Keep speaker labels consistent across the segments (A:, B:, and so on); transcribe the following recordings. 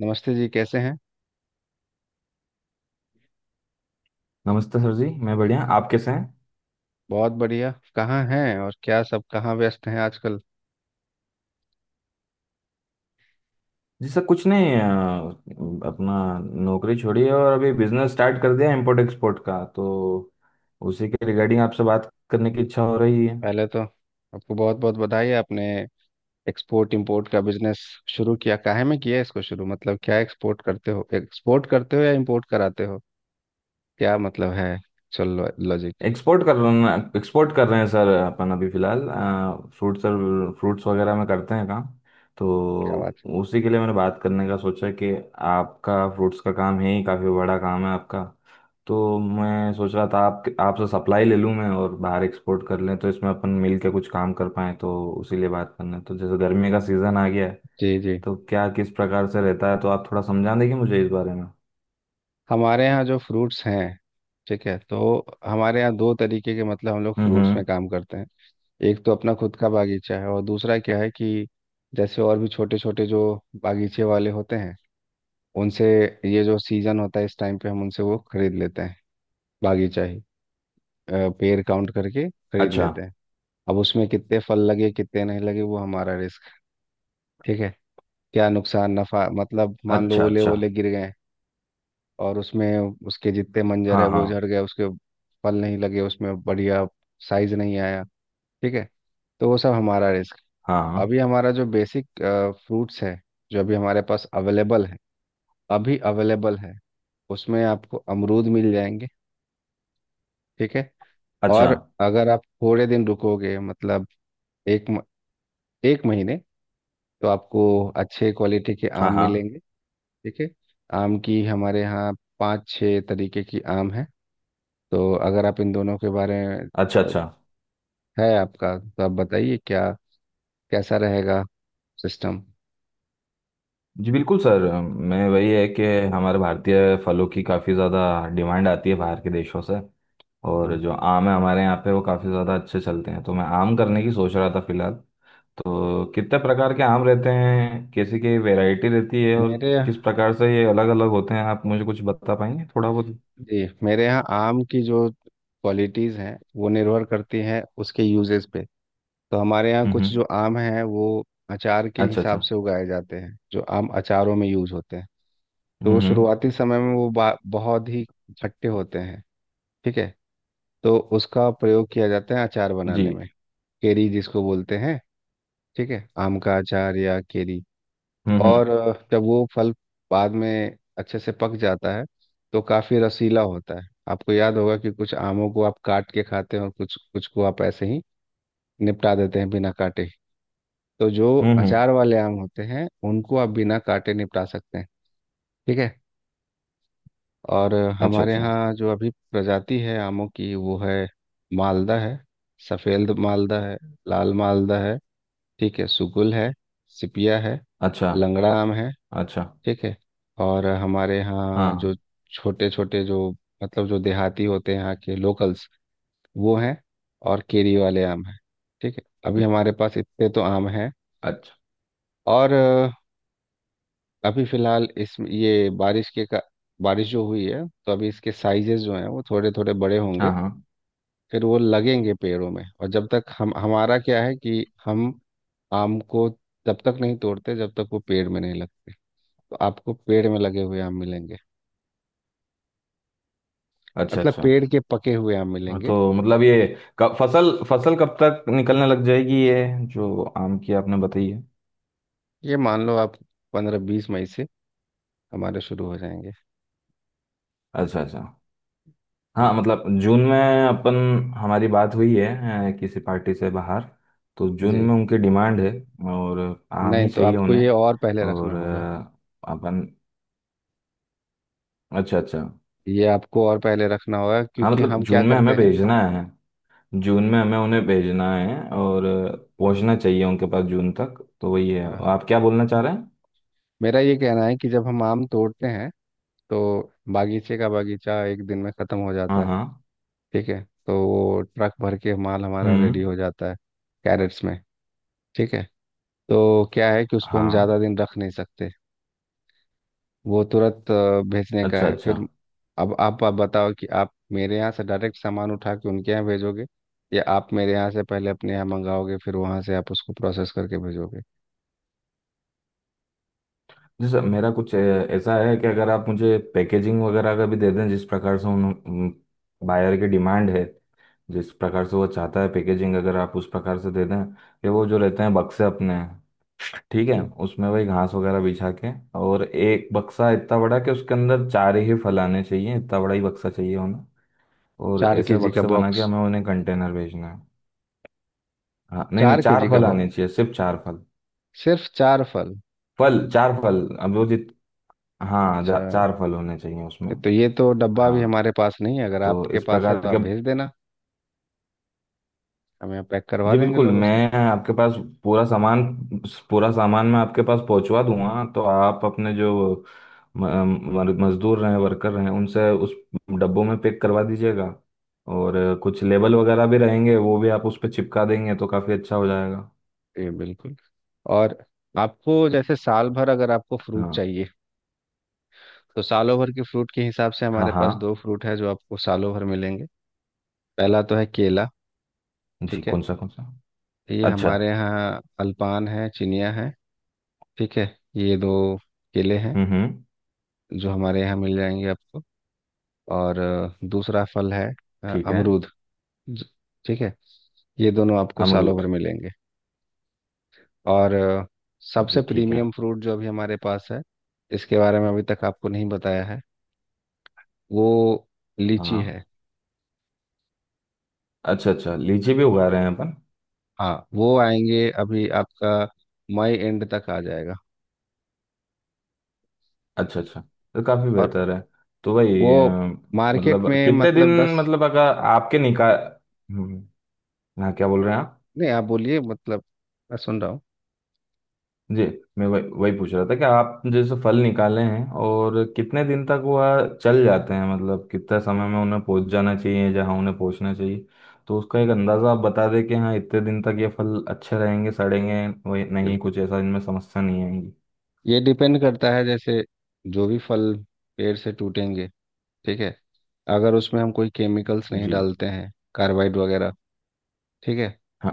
A: नमस्ते जी, कैसे हैं।
B: नमस्ते सर जी, मैं बढ़िया। आप कैसे हैं?
A: बहुत बढ़िया, कहाँ हैं और क्या सब, कहाँ व्यस्त हैं आजकल।
B: जी सर, कुछ नहीं, अपना नौकरी छोड़ी है और अभी बिजनेस स्टार्ट कर दिया, इम्पोर्ट एक्सपोर्ट का। तो उसी के रिगार्डिंग आपसे बात करने की इच्छा हो रही है।
A: पहले तो आपको बहुत बहुत बधाई है, आपने एक्सपोर्ट इंपोर्ट का बिजनेस शुरू किया। काहे में किया इसको शुरू, मतलब क्या एक्सपोर्ट करते हो या इंपोर्ट कराते हो, क्या मतलब है। चलो लॉजिक,
B: एक्सपोर्ट कर रहे हैं सर, अपन अभी फिलहाल फ्रूट सर, फ्रूट्स वगैरह में करते हैं काम। तो
A: क्या बात है।
B: उसी के लिए मैंने बात करने का सोचा कि आपका फ्रूट्स का काम है ही, काफ़ी बड़ा काम है आपका। तो मैं सोच रहा था आप आपसे सप्लाई ले लूँ मैं और बाहर एक्सपोर्ट कर लें, तो इसमें अपन मिल के कुछ काम कर पाएँ। तो उसी लिए बात करना है। तो जैसे गर्मी का सीज़न आ गया है,
A: जी जी,
B: तो क्या किस प्रकार से रहता है, तो आप थोड़ा समझा देंगे मुझे इस बारे में?
A: हमारे यहाँ जो फ्रूट्स हैं, ठीक है, तो हमारे यहाँ दो तरीके के, मतलब हम लोग फ्रूट्स में
B: हम्म।
A: काम करते हैं। एक तो अपना खुद का बागीचा है, और दूसरा क्या है कि जैसे और भी छोटे छोटे जो बागीचे वाले होते हैं उनसे, ये जो सीजन होता है इस टाइम पे हम उनसे वो खरीद लेते हैं। बागीचा ही, पेड़ काउंट करके खरीद
B: अच्छा
A: लेते हैं। अब उसमें कितने फल लगे कितने नहीं लगे वो हमारा रिस्क। ठीक है, क्या नुकसान नफा, मतलब मान लो
B: अच्छा।
A: ओले
B: अच्छा।
A: ओले गिर गए, और उसमें उसके जितने मंजर है
B: हाँ हाँ।
A: वो झड़ गए, उसके फल नहीं लगे, उसमें बढ़िया साइज नहीं आया, ठीक है, तो वो सब हमारा रिस्क।
B: हाँ हाँ।
A: अभी हमारा जो बेसिक फ्रूट्स है, जो अभी हमारे पास अवेलेबल है, अभी अवेलेबल है, उसमें आपको अमरूद मिल जाएंगे, ठीक है।
B: अच्छा।
A: और अगर आप थोड़े दिन रुकोगे, मतलब एक म, एक महीने, तो आपको अच्छे क्वालिटी के
B: हाँ
A: आम
B: हाँ।
A: मिलेंगे, ठीक है। आम की हमारे यहाँ 5-6 तरीके की आम है। तो अगर आप इन दोनों के बारे में
B: अच्छा
A: अ,
B: अच्छा।
A: है आपका, तो आप बताइए क्या कैसा रहेगा सिस्टम।
B: जी बिल्कुल सर, मैं वही है कि हमारे भारतीय फलों की काफ़ी ज़्यादा डिमांड आती है बाहर के देशों से। और
A: हम्म,
B: जो आम है हमारे यहाँ पे, वो काफ़ी ज़्यादा अच्छे चलते हैं, तो मैं आम करने की सोच रहा था फिलहाल। तो कितने प्रकार के आम रहते हैं, कैसी की वैरायटी रहती है, और
A: मेरे
B: किस
A: यहाँ,
B: प्रकार से ये अलग अलग होते हैं, आप मुझे कुछ बता पाएंगे थोड़ा बहुत?
A: जी मेरे यहाँ आम की जो क्वालिटीज़ हैं वो निर्भर करती हैं उसके यूजेस पे। तो हमारे यहाँ कुछ
B: हम्म।
A: जो आम हैं वो अचार के
B: अच्छा
A: हिसाब
B: अच्छा।
A: से उगाए जाते हैं, जो आम अचारों में यूज होते हैं। तो वो
B: हम्म।
A: शुरुआती समय में वो बहुत ही खट्टे होते हैं, ठीक है, तो उसका प्रयोग किया जाता है अचार
B: जी।
A: बनाने में। केरी जिसको बोलते हैं, ठीक है, आम का अचार या केरी।
B: हम्म।
A: और जब वो फल बाद में अच्छे से पक जाता है तो काफी रसीला होता है। आपको याद होगा कि कुछ आमों को आप काट के खाते हैं और कुछ कुछ को आप ऐसे ही निपटा देते हैं बिना काटे। तो जो
B: हम्म।
A: अचार वाले आम होते हैं उनको आप बिना काटे निपटा सकते हैं, ठीक है। और
B: अच्छा
A: हमारे
B: अच्छा।
A: यहाँ जो अभी प्रजाति है आमों की वो है, मालदा है, सफ़ेद मालदा है, लाल मालदा है, ठीक है, सुगुल है, सिपिया है,
B: अच्छा
A: लंगड़ा आम है,
B: अच्छा।
A: ठीक है। और हमारे यहाँ जो
B: हाँ।
A: छोटे छोटे जो, मतलब जो देहाती होते हैं, यहाँ के लोकल्स वो हैं, और केरी वाले आम हैं, ठीक है। अभी
B: हम्म।
A: हमारे पास इतने तो आम हैं।
B: अच्छा।
A: और अभी फिलहाल इस ये बारिश के का बारिश जो हुई है, तो अभी इसके साइजेस जो हैं वो थोड़े थोड़े बड़े होंगे।
B: हाँ हाँ।
A: फिर वो लगेंगे पेड़ों में, और जब तक हम, हमारा क्या है कि हम आम को तब तक नहीं तोड़ते जब तक वो पेड़ में नहीं लगते। तो आपको पेड़ में लगे हुए आम मिलेंगे,
B: अच्छा
A: मतलब
B: अच्छा।
A: पेड़ के पके हुए आम
B: हाँ,
A: मिलेंगे।
B: तो मतलब ये कब फसल फसल कब तक निकलने लग जाएगी, ये जो आम की आपने बताई है?
A: ये मान लो आप 15-20 मई से हमारे शुरू हो जाएंगे।
B: अच्छा अच्छा। हाँ, मतलब जून में अपन, हमारी बात हुई है किसी पार्टी से बाहर। तो जून
A: जी
B: में उनकी डिमांड है, और आम
A: नहीं,
B: ही
A: तो
B: चाहिए
A: आपको
B: उन्हें।
A: ये और पहले रखना
B: और
A: होगा।
B: अपन। अच्छा अच्छा।
A: ये आपको और पहले रखना होगा,
B: हाँ,
A: क्योंकि
B: मतलब
A: हम क्या
B: जून में हमें
A: करते
B: भेजना है। जून में हमें उन्हें भेजना है, और पहुंचना चाहिए उनके पास जून तक, तो वही है।
A: हैं।
B: आप क्या बोलना चाह रहे हैं?
A: मेरा ये कहना है कि जब हम आम तोड़ते हैं तो बागीचे का बागीचा एक दिन में ख़त्म हो
B: हाँ
A: जाता है,
B: हाँ।
A: ठीक है। तो वो ट्रक भर के माल हमारा रेडी
B: हम्म।
A: हो जाता है, कैरेट्स में, ठीक है। तो क्या है कि उसको हम
B: हाँ।
A: ज़्यादा दिन रख नहीं सकते, वो तुरंत भेजने का
B: अच्छा
A: है
B: अच्छा।
A: फिर। अब आप बताओ कि आप मेरे यहाँ से डायरेक्ट सामान उठा के उनके यहाँ भेजोगे, या आप मेरे यहाँ से पहले अपने यहाँ मंगाओगे फिर वहाँ से आप उसको प्रोसेस करके भेजोगे।
B: जी सर, मेरा कुछ ऐसा है कि अगर आप मुझे पैकेजिंग वगैरह का भी दे दें, जिस प्रकार से उन बायर की डिमांड है, जिस प्रकार से वो चाहता है पैकेजिंग, अगर आप उस प्रकार से दे दें, कि वो जो रहते हैं बक्से अपने, ठीक है,
A: जी,
B: उसमें वही घास वगैरह बिछा के। और एक बक्सा इतना बड़ा कि उसके अंदर चार ही फल आने चाहिए, इतना बड़ा ही बक्सा चाहिए होना। और
A: चार
B: ऐसे
A: केजी का
B: बक्से बना के
A: बॉक्स।
B: हमें उन्हें कंटेनर भेजना है। हाँ, नहीं नहीं,
A: 4 केजी
B: चार
A: का
B: फल
A: बॉक्स,
B: आने चाहिए, सिर्फ चार फल।
A: सिर्फ चार फल।
B: फल, चार फल। अब वो जित हाँ,
A: अच्छा,
B: चार फल होने चाहिए उसमें।
A: तो ये तो डब्बा
B: हाँ,
A: भी हमारे पास नहीं है। अगर
B: तो
A: आपके
B: इस
A: पास है
B: प्रकार
A: तो आप
B: के।
A: भेज देना, हम यहाँ पैक करवा
B: जी
A: देंगे
B: बिल्कुल,
A: लोगों से।
B: मैं आपके पास पूरा सामान पूरा सामान मैं आपके पास पहुंचवा दूंगा। तो आप अपने जो मजदूर हैं, वर्कर हैं, उनसे उस डब्बों में पैक करवा दीजिएगा। और कुछ लेबल वगैरह भी रहेंगे, वो भी आप उस पर चिपका देंगे तो काफ़ी अच्छा हो जाएगा।
A: जी बिल्कुल। और आपको जैसे साल भर अगर आपको फ्रूट
B: हाँ
A: चाहिए, तो सालों भर के फ्रूट के हिसाब से
B: हाँ।
A: हमारे
B: हाँ।
A: पास दो फ्रूट है जो आपको सालों भर मिलेंगे। पहला तो है केला,
B: जी
A: ठीक है।
B: कौन सा कौन सा?
A: ये
B: अच्छा।
A: हमारे यहाँ अल्पान है, चिनिया है, ठीक है। ये दो केले हैं
B: हम्म।
A: जो हमारे यहाँ मिल जाएंगे आपको। और दूसरा फल है
B: ठीक है।
A: अमरूद। ज- ठीक है, ये दोनों आपको सालों
B: अमरूद।
A: भर मिलेंगे। और सबसे
B: जी ठीक है।
A: प्रीमियम फ्रूट जो अभी हमारे पास है, इसके बारे में अभी तक आपको नहीं बताया है, वो लीची
B: हाँ।
A: है।
B: अच्छा अच्छा, लीची भी उगा रहे हैं अपन?
A: हाँ, वो आएंगे अभी। आपका मई एंड तक आ जाएगा।
B: अच्छा अच्छा, तो काफी
A: और
B: बेहतर है। तो
A: वो
B: भाई
A: मार्केट
B: मतलब
A: में
B: कितने दिन?
A: मतलब दस,
B: मतलब अगर आपके निकाल। हम्म, हाँ, क्या बोल रहे हैं आप?
A: नहीं आप बोलिए, मतलब मैं सुन रहा हूँ।
B: जी, मैं वही वही पूछ रहा था कि आप जैसे फल निकाले हैं, और कितने दिन तक वह चल जाते हैं, मतलब कितने समय में उन्हें पहुंच जाना चाहिए जहां उन्हें पहुंचना चाहिए। तो उसका एक अंदाजा आप बता दें कि हाँ, इतने दिन तक ये फल अच्छे रहेंगे, सड़ेंगे वही नहीं,
A: बिल्कुल,
B: कुछ ऐसा इनमें समस्या नहीं आएगी।
A: ये डिपेंड करता है। जैसे जो भी फल पेड़ से टूटेंगे, ठीक है, अगर उसमें हम कोई केमिकल्स नहीं
B: जी।
A: डालते हैं, कार्बाइड वगैरह, ठीक है,
B: हाँ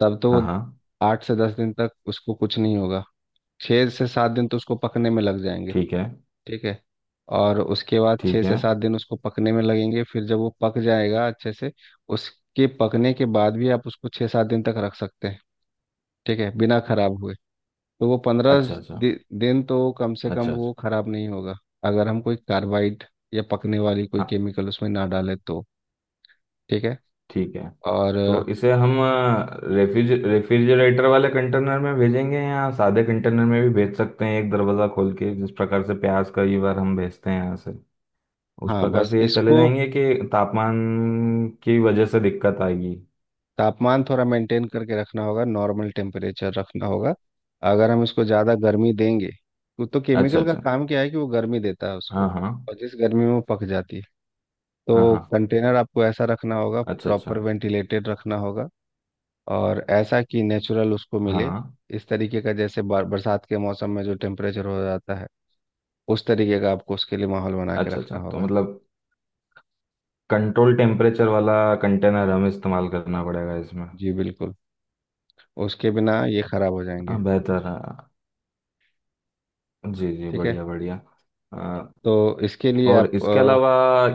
A: तब तो
B: हाँ।
A: वो
B: हाँ।
A: 8 से 10 दिन तक उसको कुछ नहीं होगा। 6 से 7 दिन तो उसको पकने में लग जाएंगे,
B: ठीक है।
A: ठीक है। और उसके बाद छः
B: ठीक
A: से
B: है।
A: सात दिन उसको पकने में लगेंगे, फिर जब वो पक जाएगा अच्छे से, उसके पकने के बाद भी आप उसको 6-7 दिन तक रख सकते हैं, ठीक है, बिना खराब हुए। तो वो 15
B: अच्छा अच्छा।
A: दिन तो कम से कम
B: अच्छा अच्छा।
A: वो खराब नहीं होगा, अगर हम कोई कार्बाइड या पकने वाली कोई
B: हाँ,
A: केमिकल उसमें ना डालें तो। ठीक है।
B: ठीक है।
A: और
B: तो इसे हम रेफ्रिजरेटर वाले कंटेनर में भेजेंगे, या सादे कंटेनर में भी भेज सकते हैं, एक दरवाज़ा खोल के, जिस प्रकार से प्याज कई बार हम भेजते हैं यहाँ से, उस
A: हाँ,
B: प्रकार
A: बस
B: से ये चले
A: इसको
B: जाएंगे, कि तापमान की वजह से दिक्कत आएगी?
A: तापमान थोड़ा मेंटेन करके रखना होगा, नॉर्मल टेम्परेचर रखना होगा। अगर हम इसको ज़्यादा गर्मी देंगे तो,
B: अच्छा
A: केमिकल का
B: अच्छा।
A: काम क्या है कि वो गर्मी देता है उसको,
B: हाँ हाँ।
A: और जिस गर्मी में वो पक जाती है।
B: हाँ
A: तो
B: हाँ।
A: कंटेनर आपको ऐसा रखना होगा,
B: अच्छा अच्छा।
A: प्रॉपर वेंटिलेटेड रखना होगा, और ऐसा कि नेचुरल उसको मिले।
B: हाँ।
A: इस तरीके का, जैसे बरसात के मौसम में जो टेम्परेचर हो जाता है, उस तरीके का आपको उसके लिए माहौल बना के
B: अच्छा अच्छा,
A: रखना
B: तो
A: होगा।
B: मतलब कंट्रोल टेम्परेचर वाला कंटेनर हमें इस्तेमाल करना पड़ेगा इसमें?
A: जी बिल्कुल, उसके बिना ये खराब हो जाएंगे।
B: हाँ, बेहतर है। जी जी,
A: ठीक है,
B: बढ़िया बढ़िया।
A: तो इसके लिए
B: और
A: आप
B: इसके अलावा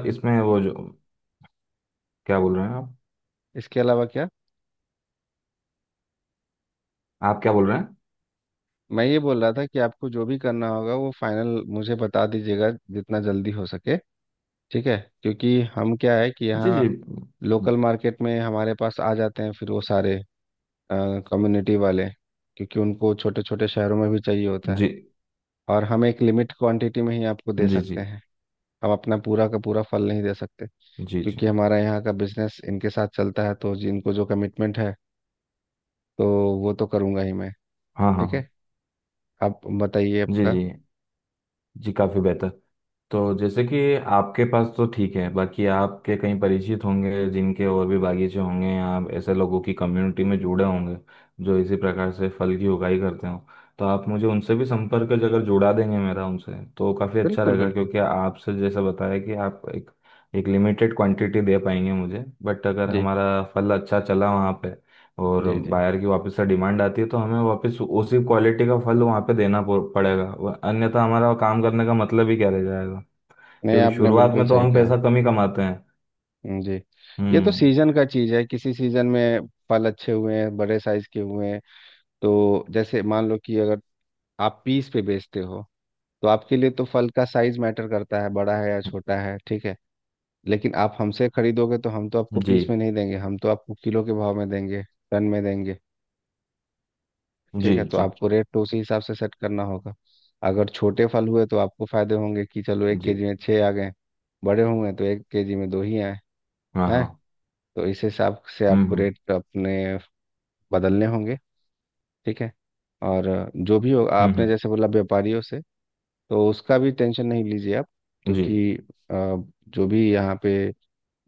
B: इसमें वो जो, क्या बोल रहे हैं आप?
A: इसके अलावा क्या।
B: आप क्या बोल रहे हैं?
A: मैं ये बोल रहा था कि आपको जो भी करना होगा वो फाइनल मुझे बता दीजिएगा जितना जल्दी हो सके, ठीक है, क्योंकि हम, क्या है कि
B: जी
A: यहाँ
B: जी।
A: लोकल मार्केट में हमारे पास आ जाते हैं फिर वो सारे कम्युनिटी वाले, क्योंकि उनको छोटे छोटे शहरों में भी चाहिए होता है।
B: जी।
A: और हम एक लिमिट क्वांटिटी में ही आपको दे
B: जी जी। जी
A: सकते हैं, हम अपना पूरा का पूरा फल नहीं दे सकते,
B: जी। जी
A: क्योंकि हमारा यहाँ का बिजनेस इनके साथ चलता है। तो जिनको जो कमिटमेंट है तो वो तो करूँगा ही मैं,
B: हाँ हाँ
A: ठीक
B: हाँ।
A: है। आप बताइए
B: जी
A: आपका।
B: जी। जी काफ़ी बेहतर। तो जैसे कि आपके पास तो ठीक है, बाकी आपके कहीं परिचित होंगे जिनके और भी बागीचे होंगे, या ऐसे लोगों की कम्युनिटी में जुड़े होंगे, जो इसी प्रकार से फल की उगाई करते हो, तो आप मुझे उनसे भी संपर्क अगर जुड़ा देंगे मेरा उनसे, तो काफ़ी अच्छा
A: बिल्कुल
B: रहेगा।
A: बिल्कुल।
B: क्योंकि आपसे जैसा बताया कि आप एक एक लिमिटेड क्वांटिटी दे पाएंगे मुझे, बट अगर
A: जी
B: हमारा फल अच्छा चला वहाँ पे, और
A: जी जी,
B: बायर की वापस से डिमांड आती है, तो हमें वापस उसी क्वालिटी का फल वहाँ पे देना पड़ेगा, अन्यथा हमारा काम करने का मतलब ही क्या रह जाएगा।
A: नहीं
B: क्योंकि
A: आपने
B: शुरुआत
A: बिल्कुल
B: में तो
A: सही
B: हम
A: कहा।
B: पैसा कम ही कमाते हैं।
A: जी, ये तो
B: हम्म।
A: सीजन का चीज है। किसी सीजन में फल अच्छे हुए हैं, बड़े साइज के हुए हैं। तो जैसे मान लो कि अगर आप पीस पे बेचते हो, तो आपके लिए तो फल का साइज मैटर करता है, बड़ा है या छोटा है, ठीक है। लेकिन आप हमसे खरीदोगे तो हम तो आपको
B: जी।
A: पीस में नहीं देंगे, हम तो आपको किलो के भाव में देंगे, टन में देंगे,
B: जी
A: ठीक है। तो
B: जी।
A: आपको रेट तो उसी हिसाब से सेट करना होगा। अगर छोटे फल हुए तो आपको फायदे होंगे कि चलो एक
B: जी।
A: केजी में छः आ गए, बड़े होंगे तो एक केजी में दो ही आए
B: हाँ
A: हैं।
B: हाँ।
A: तो इस हिसाब से आपको
B: हम्म।
A: रेट अपने बदलने होंगे, ठीक है। और जो भी हो,
B: हम्म
A: आपने
B: हम्म,
A: जैसे बोला व्यापारियों से, तो उसका भी टेंशन नहीं लीजिए आप,
B: जी।
A: क्योंकि अ, जो भी यहाँ पे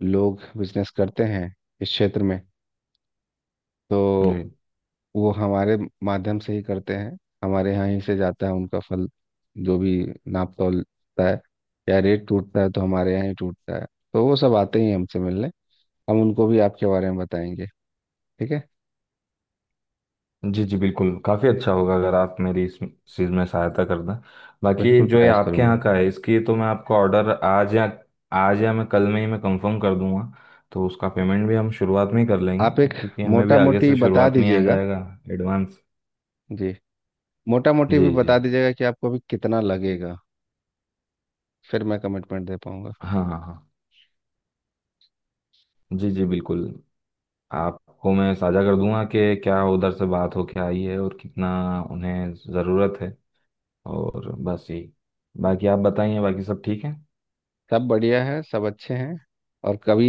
A: लोग बिजनेस करते हैं इस क्षेत्र में,
B: जी।
A: तो वो हमारे माध्यम से ही करते हैं। हमारे यहाँ ही से जाता है उनका फल। जो भी नाप तोलता है या रेट टूटता है तो हमारे यहाँ ही टूटता है। तो वो सब आते ही हैं हमसे मिलने, हम उनको भी आपके बारे में बताएंगे, ठीक है।
B: जी जी बिल्कुल, काफ़ी अच्छा होगा अगर आप मेरी इस चीज़ में सहायता कर दें। बाकी
A: बिल्कुल
B: जो ये
A: प्रयास
B: आपके
A: करूंगा।
B: यहाँ का है, इसकी तो मैं आपको ऑर्डर आज या, आज या मैं कल में ही मैं कंफर्म कर दूंगा। तो उसका पेमेंट भी हम शुरुआत में ही कर
A: आप
B: लेंगे,
A: एक
B: क्योंकि हमें भी
A: मोटा
B: आगे
A: मोटी
B: से
A: बता
B: शुरुआत में ही आ
A: दीजिएगा।
B: जाएगा। एडवांस।
A: जी, मोटा मोटी
B: जी
A: भी
B: जी।
A: बता दीजिएगा कि आपको अभी कितना लगेगा, फिर मैं कमिटमेंट दे पाऊंगा।
B: हाँ हाँ हाँ। जी जी बिल्कुल, आपको मैं साझा कर दूंगा कि क्या उधर से बात होके आई है, और कितना उन्हें ज़रूरत है। और बस यही, बाकी आप बताइए, बाकी सब ठीक है?
A: सब बढ़िया है, सब अच्छे हैं। और कभी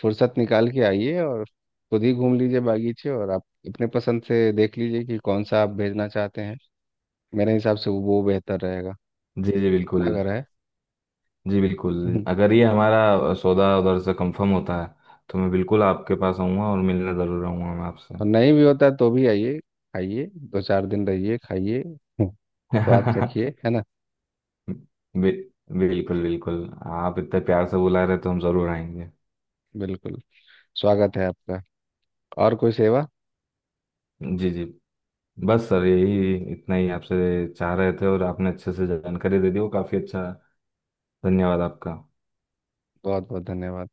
A: फुर्सत निकाल के आइए, और खुद ही घूम लीजिए बागीचे, और आप अपने पसंद से देख लीजिए कि कौन सा आप भेजना चाहते हैं, मेरे हिसाब से वो बेहतर रहेगा।
B: जी जी
A: कितना
B: बिल्कुल।
A: घर है।
B: जी बिल्कुल, अगर ये हमारा सौदा उधर से कंफर्म होता है, तो मैं बिल्कुल आपके पास आऊँगा और मिलने ज़रूर आऊँगा मैं आपसे।
A: और नहीं भी होता तो भी आइए, खाइए, 2-4 दिन रहिए, खाइए। स्वाद चखिए, है ना।
B: बि, बिल्कुल बिल्कुल। आप इतने प्यार से बुला रहे तो हम ज़रूर आएंगे।
A: बिल्कुल, स्वागत है आपका। और कोई सेवा।
B: जी जी। बस सर यही, इतना ही आपसे चाह रहे थे, और आपने अच्छे से जानकारी दे दी, वो काफ़ी अच्छा। धन्यवाद आपका।
A: बहुत बहुत धन्यवाद।